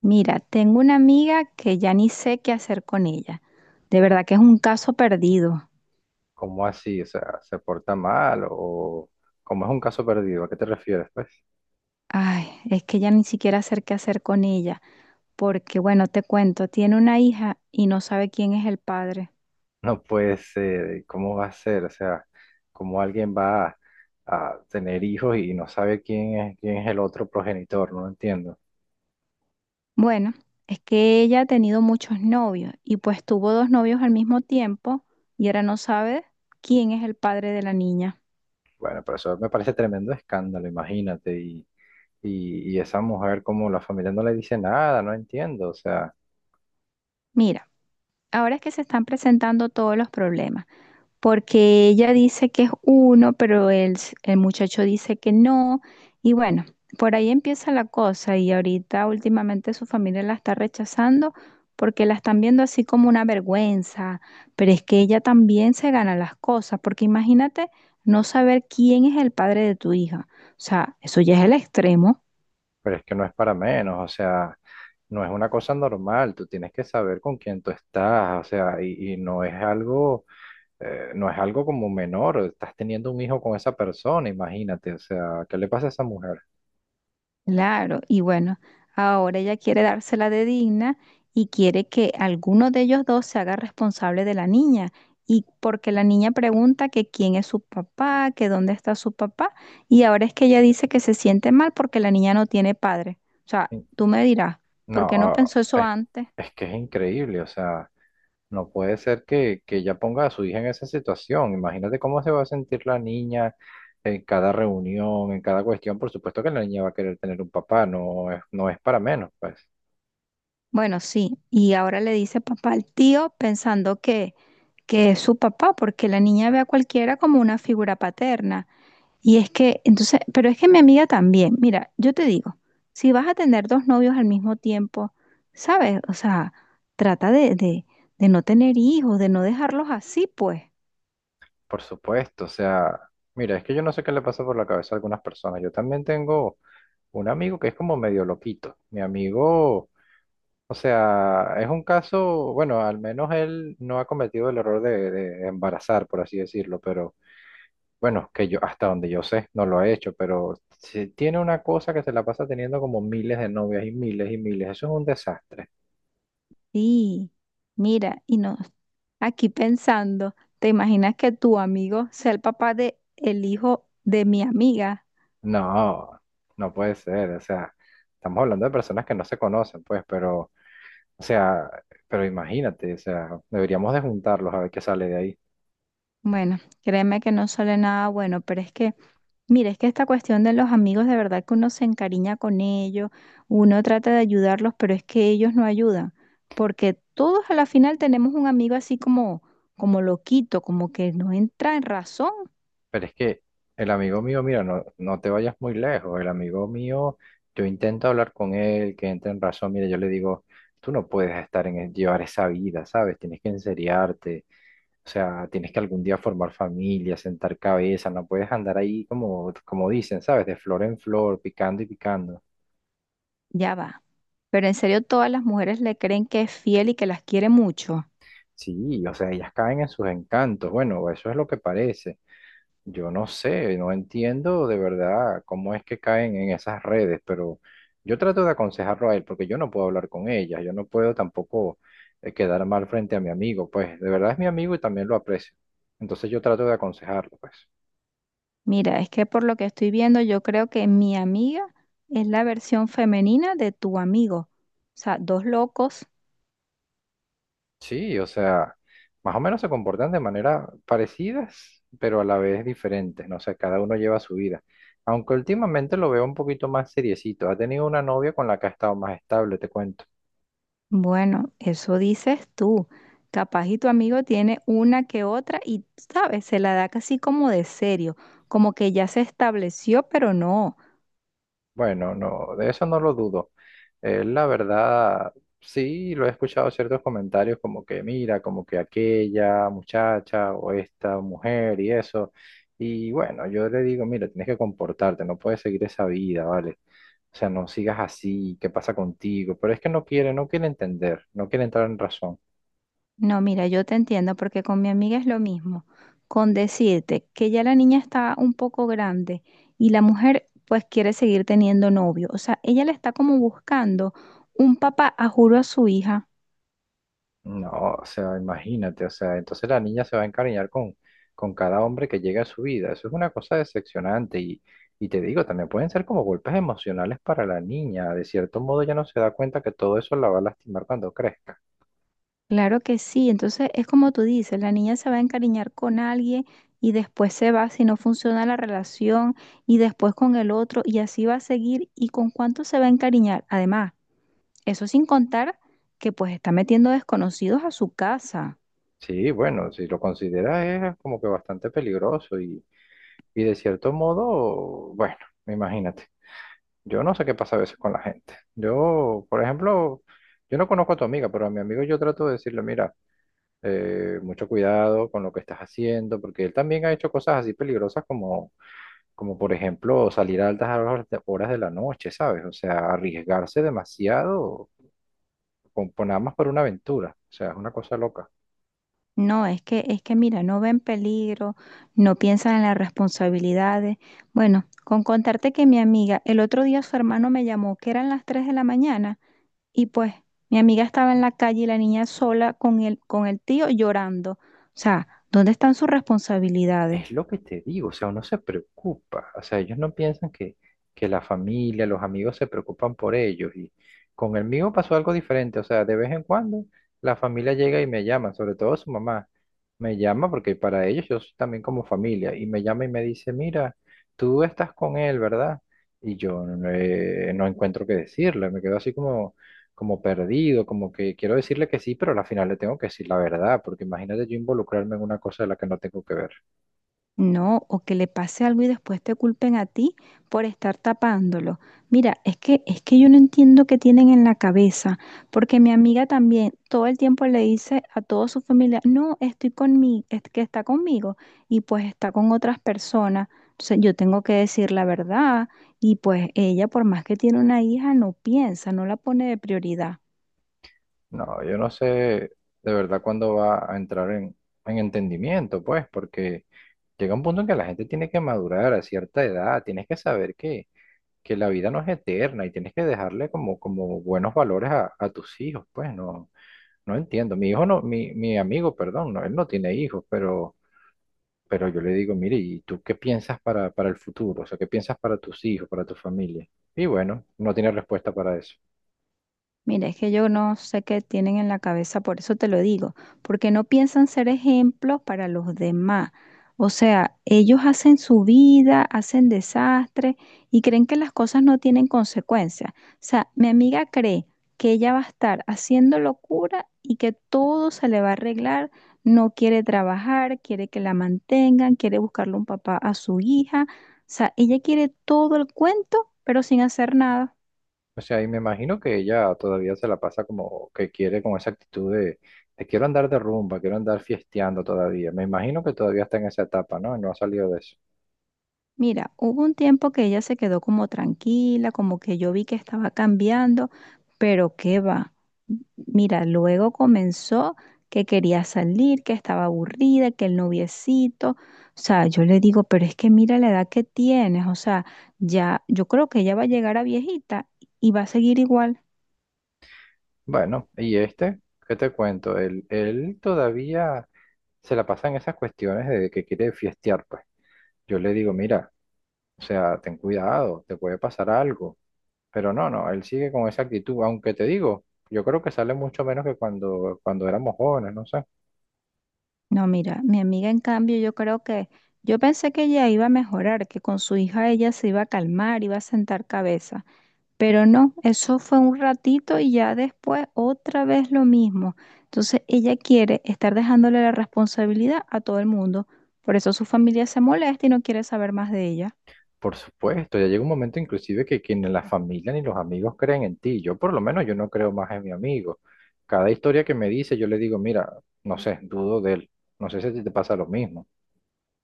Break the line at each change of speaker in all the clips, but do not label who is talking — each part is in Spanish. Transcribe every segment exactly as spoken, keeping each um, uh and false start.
Mira, tengo una amiga que ya ni sé qué hacer con ella. De verdad que es un caso perdido.
¿Cómo así? O sea, ¿se porta mal o cómo es un caso perdido? ¿A qué te refieres, pues?
Ay, es que ya ni siquiera sé qué hacer con ella. Porque, bueno, te cuento, tiene una hija y no sabe quién es el padre.
No puede ser, ¿cómo va a ser? O sea, ¿cómo alguien va a, a tener hijos y no sabe quién es, quién es el otro progenitor? No lo entiendo.
Bueno, es que ella ha tenido muchos novios y pues tuvo dos novios al mismo tiempo y ahora no sabe quién es el padre de la niña.
Bueno, pero eso me parece tremendo escándalo, imagínate. Y, y, y esa mujer, como la familia no le dice nada, no entiendo. O sea,
Mira, ahora es que se están presentando todos los problemas. Porque ella dice que es uno, pero el, s- el muchacho dice que no, y bueno, por ahí empieza la cosa y ahorita últimamente su familia la está rechazando porque la están viendo así como una vergüenza, pero es que ella también se gana las cosas, porque imagínate no saber quién es el padre de tu hija, o sea, eso ya es el extremo.
pero es que no es para menos, o sea. No es una cosa normal, tú tienes que saber con quién tú estás, o sea, y y no es algo, eh, no es algo como menor, estás teniendo un hijo con esa persona, imagínate, o sea, ¿qué le pasa a esa mujer?
Claro, y bueno, ahora ella quiere dársela de digna y quiere que alguno de ellos dos se haga responsable de la niña. Y porque la niña pregunta que quién es su papá, que dónde está su papá, y ahora es que ella dice que se siente mal porque la niña no tiene padre. O sea,
In-
tú me dirás, ¿por qué no
No,
pensó eso
es,
antes?
es que es increíble, o sea, no puede ser que, que ella ponga a su hija en esa situación, imagínate cómo se va a sentir la niña en cada reunión, en cada cuestión, por supuesto que la niña va a querer tener un papá, no es, no es para menos, pues,
Bueno, sí, y ahora le dice papá al tío pensando que, que es su papá, porque la niña ve a cualquiera como una figura paterna. Y es que, entonces, pero es que mi amiga también, mira, yo te digo, si vas a tener dos novios al mismo tiempo, ¿sabes? O sea, trata de, de, de no tener hijos, de no dejarlos así, pues.
por supuesto, o sea, mira, es que yo no sé qué le pasa por la cabeza a algunas personas, yo también tengo un amigo que es como medio loquito, mi amigo. O sea, es un caso, bueno, al menos él no ha cometido el error de, de embarazar, por así decirlo, pero bueno, que yo, hasta donde yo sé, no lo he hecho, pero si tiene una cosa que se la pasa teniendo como miles de novias y miles y miles, eso es un desastre.
Sí, mira, y no, aquí pensando, ¿te imaginas que tu amigo sea el papá de el hijo de mi amiga?
No, no puede ser, o sea, estamos hablando de personas que no se conocen, pues, pero, o sea, pero imagínate, o sea, deberíamos de juntarlos a ver qué sale de ahí.
Bueno, créeme que no sale nada bueno, pero es que mira, es que esta cuestión de los amigos, de verdad que uno se encariña con ellos, uno trata de ayudarlos, pero es que ellos no ayudan, porque todos a la final tenemos un amigo así como, como loquito, como que no entra en razón,
Pero es que el amigo mío, mira, no, no te vayas muy lejos. El amigo mío, yo intento hablar con él, que entre en razón. Mira, yo le digo, tú no puedes estar en el- llevar esa vida, ¿sabes? Tienes que enseriarte. O sea, tienes que algún día formar familia, sentar cabeza. No puedes andar ahí como, como dicen, ¿sabes? De flor en flor, picando y picando.
ya va. Pero en serio, todas las mujeres le creen que es fiel y que las quiere mucho.
Sí, o sea, ellas caen en sus encantos. Bueno, eso es lo que parece. Yo no sé, no entiendo de verdad cómo es que caen en esas redes, pero yo trato de aconsejarlo a él porque yo no puedo hablar con ellas, yo no puedo tampoco, eh, quedar mal frente a mi amigo, pues de verdad es mi amigo y también lo aprecio. Entonces yo trato de aconsejarlo, pues.
Mira, es que por lo que estoy viendo, yo creo que mi amiga es la versión femenina de tu amigo. O sea, dos locos.
Sí, o sea, más o menos se comportan de manera parecidas, pero a la vez diferentes, no sé, cada uno lleva su vida. Aunque últimamente lo veo un poquito más seriecito, ha tenido una novia con la que ha estado más estable, te cuento.
Bueno, eso dices tú. Capaz y tu amigo tiene una que otra y, sabes, se la da casi como de serio, como que ya se estableció, pero no.
Bueno, no, de eso no lo dudo. Eh, la verdad, sí, lo he escuchado ciertos comentarios como que mira, como que aquella muchacha o esta mujer y eso. Y bueno, yo le digo, mira, tienes que comportarte, no puedes seguir esa vida, ¿vale? O sea, no sigas así, ¿qué pasa contigo? Pero es que no quiere, no quiere entender, no quiere entrar en razón.
No, mira, yo te entiendo porque con mi amiga es lo mismo. Con decirte que ya la niña está un poco grande y la mujer pues quiere seguir teniendo novio. O sea, ella le está como buscando un papá a juro a su hija.
No, o sea, imagínate, o sea, entonces la niña se va a encariñar con, con cada hombre que llega a su vida. Eso es una cosa decepcionante y, y te digo, también pueden ser como golpes emocionales para la niña. De cierto modo ya no se da cuenta que todo eso la va a lastimar cuando crezca.
Claro que sí, entonces es como tú dices, la niña se va a encariñar con alguien y después se va si no funciona la relación y después con el otro y así va a seguir y con cuánto se va a encariñar. Además, eso sin contar que pues está metiendo desconocidos a su casa.
Sí, bueno, si lo consideras es como que bastante peligroso y, y de cierto modo, bueno, imagínate. Yo no sé qué pasa a veces con la gente. Yo, por ejemplo, yo no conozco a tu amiga, pero a mi amigo yo trato de decirle, mira, eh, mucho cuidado con lo que estás haciendo, porque él también ha hecho cosas así peligrosas como, como por ejemplo, salir a altas horas de, horas de la noche, ¿sabes? O sea, arriesgarse demasiado con, por nada más por una aventura, o sea, es una cosa loca.
No, es que es que mira, no ven peligro, no piensan en las responsabilidades. Bueno, con contarte que mi amiga, el otro día su hermano me llamó que eran las tres de la mañana. Y pues mi amiga estaba en la calle y la niña sola con el, con el tío llorando. O sea, ¿dónde están sus responsabilidades?
Es lo que te digo, o sea, uno se preocupa, o sea, ellos no piensan que, que la familia, los amigos se preocupan por ellos y con el mío pasó algo diferente, o sea, de vez en cuando la familia llega y me llama, sobre todo su mamá, me llama porque para ellos yo soy también como familia y me llama y me dice, mira, tú estás con él, ¿verdad? Y yo, eh, no encuentro qué decirle, me quedo así como, como perdido, como que quiero decirle que sí, pero al final le tengo que decir la verdad, porque imagínate yo involucrarme en una cosa de la que no tengo que ver.
No, o que le pase algo y después te culpen a ti por estar tapándolo. Mira, es que es que yo no entiendo qué tienen en la cabeza, porque mi amiga también todo el tiempo le dice a toda su familia, "No, estoy con mi, es que está conmigo" y pues está con otras personas. Entonces yo tengo que decir la verdad y pues ella por más que tiene una hija no piensa, no la pone de prioridad.
No, yo no sé de verdad cuándo va a entrar en, en entendimiento, pues, porque llega un punto en que la gente tiene que madurar a cierta edad, tienes que saber que, que la vida no es eterna y tienes que dejarle como, como buenos valores a, a tus hijos, pues, no, no entiendo. Mi hijo no, mi, mi amigo, perdón, no, él no tiene hijos, pero, pero yo le digo, mire, ¿y tú qué piensas para, para el futuro? O sea, ¿qué piensas para tus hijos, para tu familia? Y bueno, no tiene respuesta para eso.
Mira, es que yo no sé qué tienen en la cabeza, por eso te lo digo, porque no piensan ser ejemplos para los demás. O sea, ellos hacen su vida, hacen desastre y creen que las cosas no tienen consecuencias. O sea, mi amiga cree que ella va a estar haciendo locura y que todo se le va a arreglar. No quiere trabajar, quiere que la mantengan, quiere buscarle un papá a su hija. O sea, ella quiere todo el cuento, pero sin hacer nada.
O sea, y me imagino que ella todavía se la pasa como que quiere con esa actitud de, de quiero andar de rumba, quiero andar fiesteando todavía. Me imagino que todavía está en esa etapa, ¿no? No ha salido de eso.
Mira, hubo un tiempo que ella se quedó como tranquila, como que yo vi que estaba cambiando, pero qué va. Mira, luego comenzó que quería salir, que estaba aburrida, que el noviecito, o sea, yo le digo, pero es que mira la edad que tienes, o sea, ya, yo creo que ella va a llegar a viejita y va a seguir igual.
Bueno, y este, ¿qué te cuento? Él, él todavía se la pasa en esas cuestiones de que quiere fiestear, pues. Yo le digo, mira, o sea, ten cuidado, te puede pasar algo. Pero no, no, él sigue con esa actitud, aunque te digo, yo creo que sale mucho menos que cuando, cuando éramos jóvenes, no sé.
No, mira, mi amiga en cambio, yo creo que, yo pensé que ella iba a mejorar, que con su hija ella se iba a calmar, iba a sentar cabeza. Pero no, eso fue un ratito y ya después otra vez lo mismo. Entonces ella quiere estar dejándole la responsabilidad a todo el mundo. Por eso su familia se molesta y no quiere saber más de ella.
Por supuesto, ya llega un momento inclusive que, que ni la familia ni los amigos creen en ti. Yo por lo menos yo no creo más en mi amigo. Cada historia que me dice, yo le digo, mira, no sé, dudo de él. No sé si a ti te pasa lo mismo.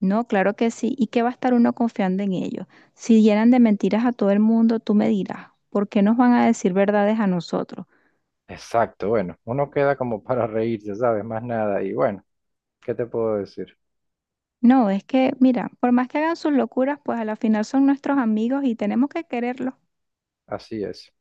No, claro que sí. ¿Y qué va a estar uno confiando en ellos? Si llenan de mentiras a todo el mundo, tú me dirás, ¿por qué nos van a decir verdades a nosotros?
Exacto, bueno, uno queda como para reírse, ¿sabes? Más nada. Y bueno, ¿qué te puedo decir?
No, es que, mira, por más que hagan sus locuras, pues a la final son nuestros amigos y tenemos que quererlos.
Así es.